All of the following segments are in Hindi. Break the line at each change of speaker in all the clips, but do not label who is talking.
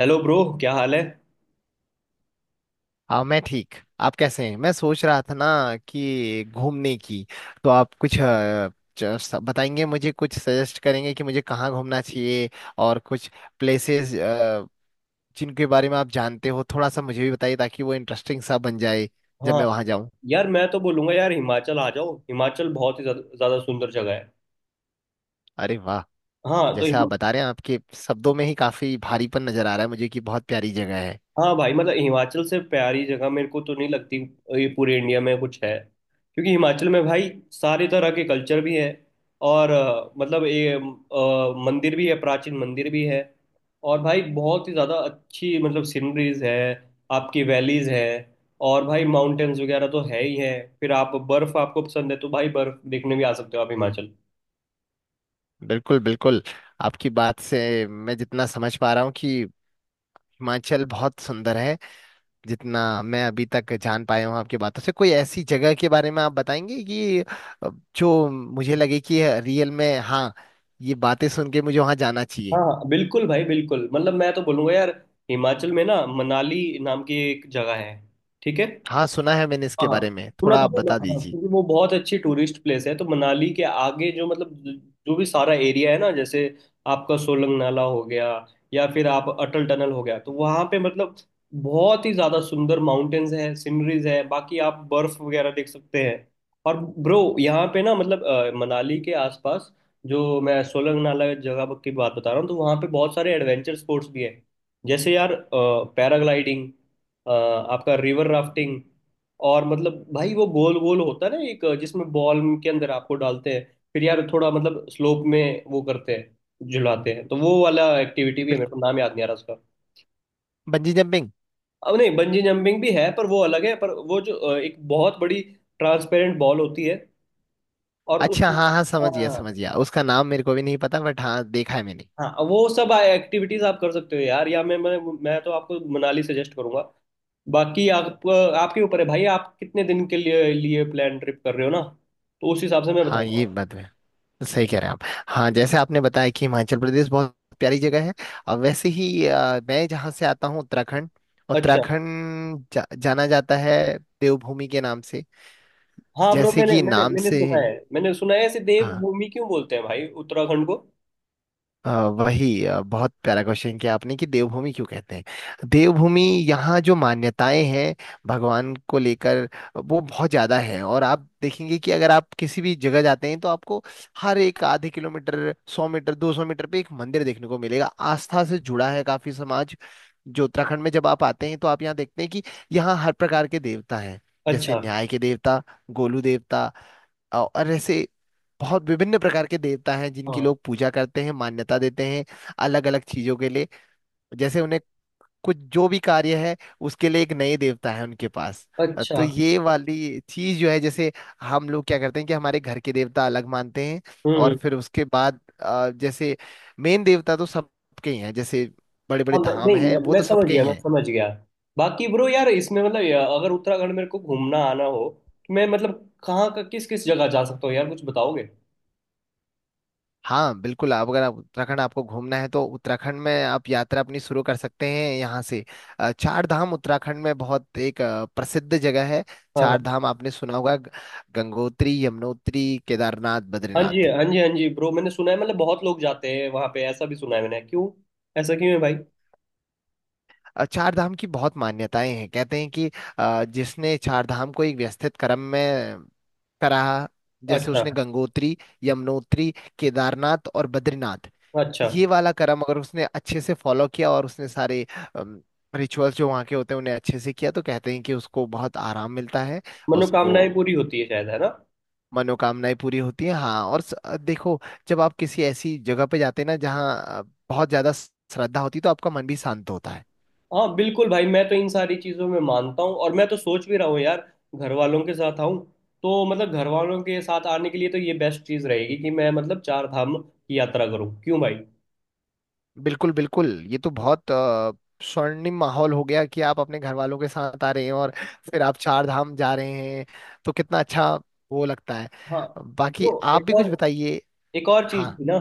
Hello bro. क्या हाल है?
हाँ मैं ठीक। आप कैसे हैं? मैं सोच रहा था ना कि घूमने की, तो आप कुछ बताएंगे, मुझे कुछ सजेस्ट करेंगे कि मुझे कहाँ घूमना चाहिए और कुछ प्लेसेस जिनके बारे में आप जानते हो थोड़ा सा मुझे भी बताइए ताकि वो इंटरेस्टिंग सा बन जाए जब
हाँ,
मैं वहाँ जाऊँ।
यार मैं तो बोलूंगा यार, हिमाचल आ जाओ। हिमाचल बहुत ही ज्यादा ज्यादा सुंदर जगह है।
अरे वाह!
हाँ, तो
जैसे आप बता रहे हैं, आपके शब्दों में ही काफी भारीपन नजर आ रहा है मुझे कि बहुत प्यारी जगह है।
हाँ भाई, मतलब हिमाचल से प्यारी जगह मेरे को तो नहीं लगती। ये पूरे इंडिया में कुछ है। क्योंकि हिमाचल में भाई सारे तरह के कल्चर भी है। और मतलब ये मंदिर भी है, प्राचीन मंदिर भी है। और भाई बहुत ही ज़्यादा अच्छी मतलब सीनरीज है। आपकी वैलीज है। और भाई माउंटेन्स वगैरह तो है ही है। फिर आप बर्फ़, आपको पसंद है तो भाई, बर्फ़ देखने भी आ सकते हो आप हिमाचल।
बिल्कुल, बिल्कुल। आपकी बात से मैं जितना समझ पा रहा हूँ कि हिमाचल बहुत सुंदर है। जितना मैं अभी तक जान पाया हूँ आपकी बातों से, कोई ऐसी जगह के बारे में आप बताएंगे कि अ, जो मुझे लगे कि रियल में हाँ, ये बातें सुन के मुझे वहां जाना
हाँ
चाहिए।
हाँ बिल्कुल भाई, बिल्कुल मतलब मैं तो बोलूँगा यार, हिमाचल में ना मनाली नाम की एक जगह है। ठीक है?
हाँ, सुना है मैंने इसके
हाँ,
बारे में,
सुना
थोड़ा
था
आप
सुना,
बता
हाँ,
दीजिए।
क्योंकि वो बहुत अच्छी टूरिस्ट प्लेस है। तो मनाली के आगे जो मतलब जो भी सारा एरिया है ना, जैसे आपका सोलंग नाला हो गया या फिर आप अटल टनल हो गया, तो वहाँ पे मतलब बहुत ही ज़्यादा सुंदर माउंटेन्स है, सीनरीज है। बाकी आप बर्फ वगैरह देख सकते हैं। और ब्रो यहाँ पे ना मतलब मनाली के आसपास जो मैं सोलंग नाला जगह की बात बता रहा हूँ, तो वहाँ पे बहुत सारे एडवेंचर स्पोर्ट्स भी है। जैसे यार पैराग्लाइडिंग, आपका रिवर राफ्टिंग, और मतलब भाई वो गोल गोल होता है ना, एक जिसमें बॉल के अंदर आपको डालते हैं। फिर यार थोड़ा मतलब स्लोप में वो करते हैं, झुलाते हैं। तो वो वाला एक्टिविटी भी है, मेरे
बिल्कुल।
को नाम याद नहीं आ रहा उसका।
Bungee jumping.
अब नहीं, बंजी जंपिंग भी है पर वो अलग है। पर वो जो एक बहुत बड़ी ट्रांसपेरेंट बॉल होती है, और उस।
अच्छा हाँ हाँ, समझ गया
हाँ
समझ गया उसका नाम मेरे को भी नहीं पता, बट हाँ, देखा है मैंने।
हाँ, वो सब एक्टिविटीज आप कर सकते हो यार। या मैं तो आपको मनाली सजेस्ट करूंगा। बाकी आप, आपके ऊपर है भाई, आप कितने दिन के लिए लिए प्लान ट्रिप कर रहे हो ना, तो उस हिसाब से मैं
हाँ ये
बताऊंगा।
बात है, सही कह रहे हैं आप। हाँ, जैसे आपने बताया कि हिमाचल प्रदेश बहुत प्यारी जगह है। और वैसे ही मैं जहाँ से आता हूँ, उत्तराखंड।
अच्छा।
उत्तराखंड जाना जाता है देवभूमि के नाम से।
हाँ ब्रो,
जैसे
मैंने
कि
मैंने
नाम
मैंने
से।
सुना है मैंने सुना है, ऐसे
हाँ।
देवभूमि क्यों बोलते हैं भाई उत्तराखंड को?
अ, बहुत प्यारा क्वेश्चन किया आपने कि देवभूमि क्यों कहते हैं देवभूमि। यहाँ जो मान्यताएं हैं भगवान को लेकर, वो बहुत ज्यादा है। और आप देखेंगे कि अगर आप किसी भी जगह जाते हैं तो आपको हर एक आधे किलोमीटर, 100 मीटर, 200 मीटर पे एक मंदिर देखने को मिलेगा। आस्था से जुड़ा है काफी समाज जो उत्तराखंड में। जब आप आते हैं तो आप यहाँ देखते हैं कि यहाँ हर प्रकार के देवता हैं। जैसे
अच्छा।
न्याय के देवता, गोलू देवता और ऐसे बहुत विभिन्न प्रकार के देवता हैं जिनकी
हाँ।
लोग पूजा करते हैं, मान्यता देते हैं अलग अलग चीजों के लिए। जैसे उन्हें कुछ जो भी कार्य है उसके लिए एक नए देवता है उनके पास। तो
अच्छा।
ये वाली चीज जो है, जैसे हम लोग क्या करते हैं कि हमारे घर के देवता अलग मानते हैं।
हम्म,
और फिर उसके बाद जैसे मेन देवता तो सबके ही हैं। जैसे बड़े बड़े
हाँ, मैं,
धाम
नहीं
हैं,
मैं,
वो
मैं
तो
समझ
सबके ही
गया, मैं
हैं।
समझ गया। बाकी ब्रो यार इसमें मतलब अगर उत्तराखंड मेरे को घूमना आना हो, तो मैं मतलब कहाँ का किस किस जगह जा सकता हूँ यार? कुछ बताओगे?
हाँ बिल्कुल। आप अगर आप उत्तराखंड आपको घूमना है तो उत्तराखंड में आप यात्रा अपनी शुरू कर सकते हैं यहाँ से। चार धाम उत्तराखंड में बहुत एक प्रसिद्ध जगह है।
हाँ
चार
हाँ।
धाम आपने सुना होगा। गंगोत्री, यमुनोत्री, केदारनाथ,
हाँ जी,
बद्रीनाथ।
हाँ जी, हाँ जी ब्रो, मैंने सुना है मतलब बहुत लोग जाते हैं वहाँ पे, ऐसा भी सुना है मैंने। क्यों ऐसा क्यों है भाई?
चार धाम की बहुत मान्यताएं हैं। कहते हैं कि जिसने चार धाम को एक व्यवस्थित क्रम में करा, जैसे
अच्छा।
उसने गंगोत्री, यमुनोत्री, केदारनाथ और बद्रीनाथ,
अच्छा।
ये वाला कर्म अगर उसने अच्छे से फॉलो किया और उसने सारे रिचुअल्स जो वहाँ के होते हैं उन्हें अच्छे से किया, तो कहते हैं कि उसको बहुत आराम मिलता है। उसको
मनोकामनाएं पूरी होती है शायद, है ना?
मनोकामनाएं पूरी होती हैं। हाँ और देखो, जब आप किसी ऐसी जगह पे जाते हैं ना जहाँ बहुत ज्यादा श्रद्धा होती है, तो आपका मन भी शांत होता है।
हाँ बिल्कुल भाई, मैं तो इन सारी चीज़ों में मानता हूँ, और मैं तो सोच भी रहा हूँ यार घर वालों के साथ आऊँ, तो मतलब घर वालों के साथ आने के लिए तो ये बेस्ट चीज़ रहेगी कि मैं मतलब चार धाम की यात्रा करूँ, क्यों भाई?
बिल्कुल, बिल्कुल। ये तो बहुत स्वर्णिम माहौल हो गया कि आप अपने घर वालों के साथ आ रहे हैं और फिर आप चार धाम जा रहे हैं। तो कितना अच्छा वो लगता है।
हाँ।
बाकी
जो
आप
एक
भी कुछ
और
बताइए।
एक और चीज़
हाँ।
थी ना।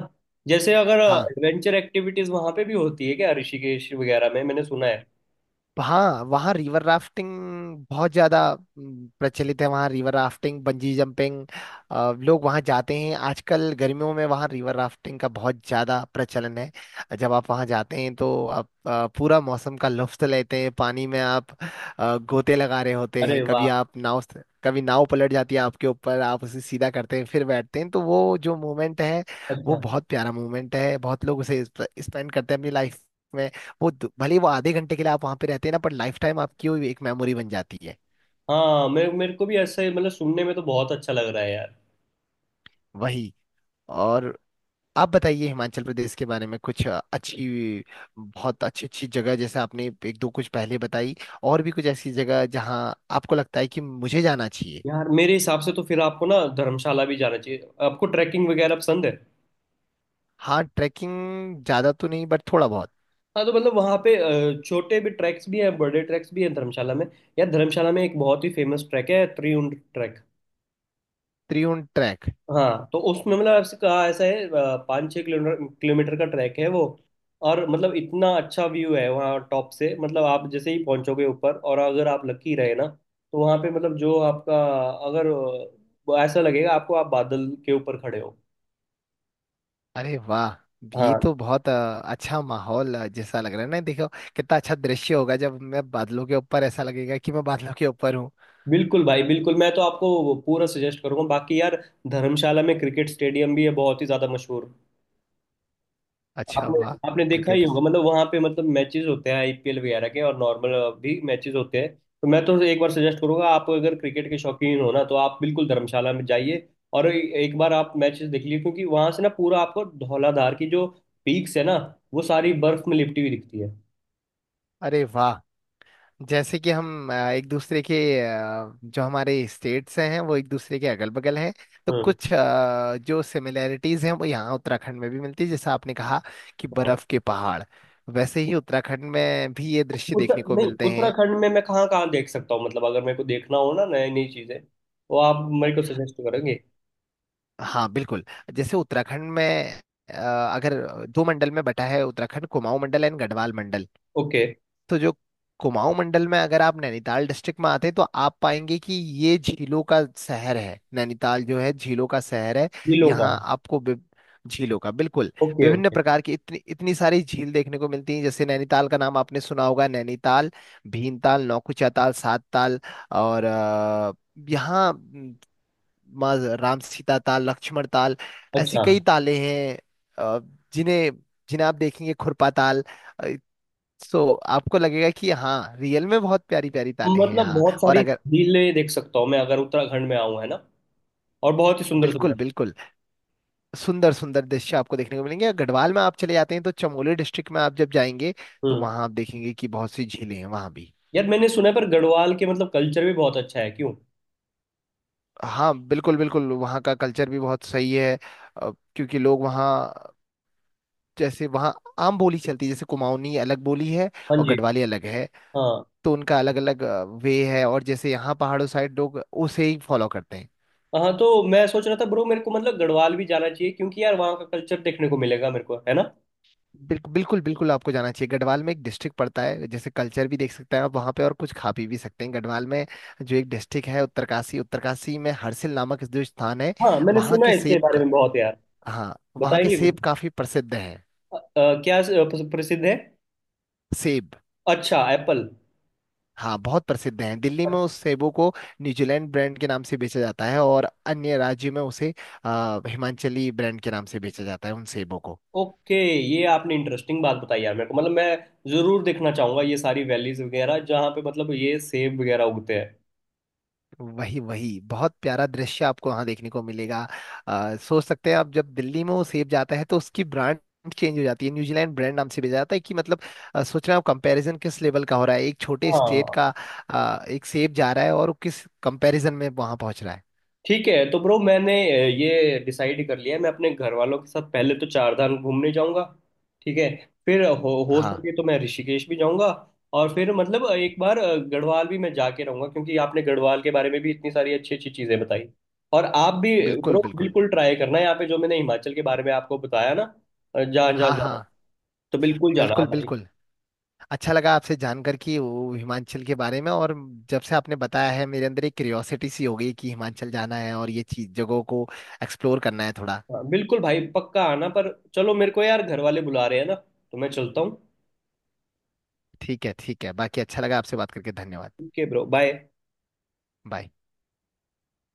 जैसे अगर
हाँ।
एडवेंचर एक्टिविटीज़ वहाँ पे भी होती है क्या, ऋषिकेश वगैरह में? मैंने सुना है।
हाँ, वहाँ रिवर राफ्टिंग बहुत ज्यादा प्रचलित है। वहाँ रिवर राफ्टिंग, बंजी जंपिंग, लोग वहाँ जाते हैं। आजकल गर्मियों में वहाँ रिवर राफ्टिंग का बहुत ज्यादा प्रचलन है। जब आप वहाँ जाते हैं तो आप पूरा मौसम का लुत्फ लेते हैं। पानी में आप गोते लगा रहे होते
अरे
हैं, कभी
वाह।
आप कभी नाव पलट जाती है आपके ऊपर, आप उसे सीधा करते हैं फिर बैठते हैं, तो वो जो मोमेंट है, वो
अच्छा।
बहुत प्यारा मोमेंट है। बहुत लोग उसे स्पेंड करते हैं अपनी लाइफ। भले ही वो आधे घंटे के लिए आप वहां पे रहते हैं ना, पर लाइफ टाइम आपकी वो एक मेमोरी बन जाती है।
हाँ, मेरे मेरे को भी ऐसे मतलब सुनने में तो बहुत अच्छा लग रहा है यार।
वही। और आप बताइए हिमाचल प्रदेश के बारे में कुछ अच्छी, बहुत अच्छी अच्छी जगह। जैसे आपने एक दो कुछ पहले बताई, और भी कुछ ऐसी जगह जहां आपको लगता है कि मुझे जाना चाहिए।
यार मेरे हिसाब से तो फिर आपको ना धर्मशाला भी जाना चाहिए। आपको ट्रैकिंग वगैरह पसंद है?
हाँ ट्रैकिंग ज्यादा तो नहीं, बट थोड़ा बहुत।
हाँ तो मतलब वहाँ पे छोटे भी ट्रैक्स भी हैं, बड़े ट्रैक्स भी हैं धर्मशाला में। यार धर्मशाला में एक बहुत ही फेमस ट्रैक है, त्रिउंड ट्रैक।
त्रिउंड ट्रैक।
हाँ तो उसमें मतलब ऐसे कहा ऐसा है, पाँच छः किलोमीटर किलोमीटर का ट्रैक है वो। और मतलब इतना अच्छा व्यू है वहाँ टॉप से, मतलब आप जैसे ही पहुँचोगे ऊपर, और अगर आप लकी रहे ना, तो वहाँ पे मतलब जो आपका अगर ऐसा लगेगा आपको आप बादल के ऊपर खड़े हो।
अरे वाह! ये
हाँ
तो बहुत अच्छा माहौल जैसा लग रहा है ना। देखो कितना अच्छा दृश्य होगा जब मैं बादलों के ऊपर, ऐसा लगेगा कि मैं बादलों के ऊपर हूँ।
बिल्कुल भाई, बिल्कुल मैं तो आपको पूरा सजेस्ट करूंगा। बाकी यार, धर्मशाला में क्रिकेट स्टेडियम भी है, बहुत ही ज़्यादा मशहूर।
अच्छा, वाह!
आपने आपने देखा ही
क्रिकेट।
होगा, मतलब वहां पे मतलब मैचेस होते हैं आईपीएल वगैरह के, और नॉर्मल भी मैचेस होते हैं। तो मैं तो एक बार सजेस्ट करूंगा, आप अगर क्रिकेट के शौकीन हो ना तो आप बिल्कुल धर्मशाला में जाइए, और एक बार आप मैचेस देख लीजिए, क्योंकि वहां से ना पूरा आपको धौलाधार की जो पीक्स है ना, वो सारी बर्फ में लिपटी हुई दिखती है।
अरे वाह! जैसे कि हम एक दूसरे के जो हमारे स्टेट्स हैं वो एक दूसरे के अगल बगल हैं, तो
हम्म।
कुछ जो सिमिलैरिटीज हैं वो यहाँ उत्तराखंड में भी मिलती है। जैसा आपने कहा कि
हाँ।
बर्फ के पहाड़, वैसे ही उत्तराखंड में भी ये दृश्य
उत्तर
देखने को
नहीं,
मिलते हैं।
उत्तराखंड में मैं कहाँ कहाँ देख सकता हूँ, मतलब अगर मेरे को देखना हो ना नई नई चीजें, तो आप मेरे को सजेस्ट करेंगे?
हाँ बिल्कुल। जैसे उत्तराखंड में अ, अगर दो मंडल में बटा है उत्तराखंड, कुमाऊं मंडल एंड गढ़वाल मंडल।
ओके।
तो जो कुमाऊं मंडल में अगर आप नैनीताल डिस्ट्रिक्ट में आते हैं तो आप पाएंगे कि ये झीलों का शहर है। नैनीताल जो है, झीलों का शहर है।
जिलों का।
यहाँ आपको विभ- झीलों का बिल्कुल
ओके,
विभिन्न
ओके।
प्रकार की इतनी इतनी सारी झील देखने को मिलती हैं। जैसे नैनीताल का नाम आपने सुना होगा, नैनीताल, भीमताल, नौकुचिया ताल, सात ताल और यहाँ म, माँ राम, सीता ताल, लक्ष्मण ताल, ऐसी
अच्छा,
कई तालें हैं। अ, जिन्हें जिन्हें आप देखेंगे, खुरपा ताल। सो आपको लगेगा कि हाँ रियल में बहुत प्यारी प्यारी ताले हैं
मतलब
यहाँ।
बहुत
और
सारी
अगर
झीलें देख सकता हूँ मैं अगर उत्तराखंड में आऊँ, है ना? और बहुत ही सुंदर
बिल्कुल,
सुंदर।
बिल्कुल सुंदर सुंदर दृश्य आपको देखने को मिलेंगे। गढ़वाल में आप चले जाते हैं तो चमोली डिस्ट्रिक्ट में आप जब जाएंगे तो
हम्म।
वहाँ आप देखेंगे कि बहुत सी झीलें हैं वहाँ भी।
यार मैंने सुना है पर गढ़वाल के मतलब कल्चर भी बहुत अच्छा है, क्यों?
हाँ बिल्कुल, बिल्कुल वहाँ का कल्चर भी बहुत सही है। क्योंकि लोग वहाँ, जैसे वहाँ आम बोली चलती है। जैसे कुमाऊनी अलग बोली है
हाँ
और
जी।
गढ़वाली अलग है।
हाँ।
तो उनका अलग अलग वे है, और जैसे यहाँ पहाड़ों साइड लोग उसे ही फॉलो करते हैं।
हाँ तो मैं सोच रहा था ब्रो, मेरे को मतलब गढ़वाल भी जाना चाहिए, क्योंकि यार वहाँ का कल्चर देखने को मिलेगा मेरे को, है ना?
बिल्कुल, बिल्कुल, बिल्कुल आपको जाना चाहिए। गढ़वाल में एक डिस्ट्रिक्ट पड़ता है, जैसे कल्चर भी देख सकते हैं आप वहाँ पे और कुछ खा पी भी सकते हैं गढ़वाल में। जो एक डिस्ट्रिक्ट है उत्तरकाशी, उत्तरकाशी में हरसिल नामक जो स्थान है,
हाँ, मैंने
वहाँ
सुना
के
है इसके बारे में बहुत यार।
हाँ वहाँ के
बताएंगे कुछ,
सेब काफी प्रसिद्ध हैं।
क्या प्रसिद्ध है?
सेब।
अच्छा, एप्पल।
हाँ बहुत प्रसिद्ध हैं। दिल्ली में उस सेबों को न्यूजीलैंड ब्रांड के नाम से बेचा जाता है, और अन्य राज्यों में उसे हिमाचली ब्रांड के नाम से बेचा जाता है उन सेबों को।
ओके। ये आपने इंटरेस्टिंग बात बताई यार, मेरे को मतलब मैं जरूर देखना चाहूंगा ये सारी वैलीज वगैरह जहाँ पे मतलब ये सेब वगैरह उगते हैं।
वही, वही बहुत प्यारा दृश्य आपको वहां देखने को मिलेगा। सोच सकते हैं आप, जब दिल्ली में वो सेब जाता है तो उसकी ब्रांड चेंज हो जाती है, न्यूजीलैंड ब्रांड नाम से भेजा जाता है। कि मतलब सोच रहे हो कंपैरिजन किस लेवल का हो रहा है। एक छोटे स्टेट
हाँ
का एक सेब जा रहा है और वो किस कंपैरिजन में वहां पहुंच रहा है।
ठीक है, तो ब्रो मैंने ये डिसाइड कर लिया है, मैं अपने घर वालों के साथ पहले तो चार धाम घूमने जाऊंगा। ठीक है। फिर हो
हाँ
सके तो मैं ऋषिकेश भी जाऊंगा। और फिर मतलब एक बार गढ़वाल भी मैं जाके रहूंगा, क्योंकि आपने गढ़वाल के बारे में भी इतनी सारी अच्छी अच्छी चीजें बताई, और आप भी।
बिल्कुल,
ब्रो
बिल्कुल।
बिल्कुल ट्राई करना यहाँ पे जो मैंने हिमाचल के बारे में आपको बताया ना, जा जा
हाँ
जा
हाँ,
तो बिल्कुल जाना आप
बिल्कुल,
भाई।
बिल्कुल। अच्छा लगा आपसे जानकर कि वो हिमाचल के बारे में। और जब से आपने बताया है, मेरे अंदर एक क्यूरियोसिटी सी हो गई कि हिमाचल जाना है और ये चीज जगहों को एक्सप्लोर करना है थोड़ा।
हाँ, बिल्कुल भाई, पक्का आना। पर चलो, मेरे को यार घर वाले बुला रहे हैं ना, तो मैं चलता हूँ।
ठीक है, ठीक है। बाकी अच्छा लगा आपसे बात करके, धन्यवाद।
Okay bro, bye.
बाय।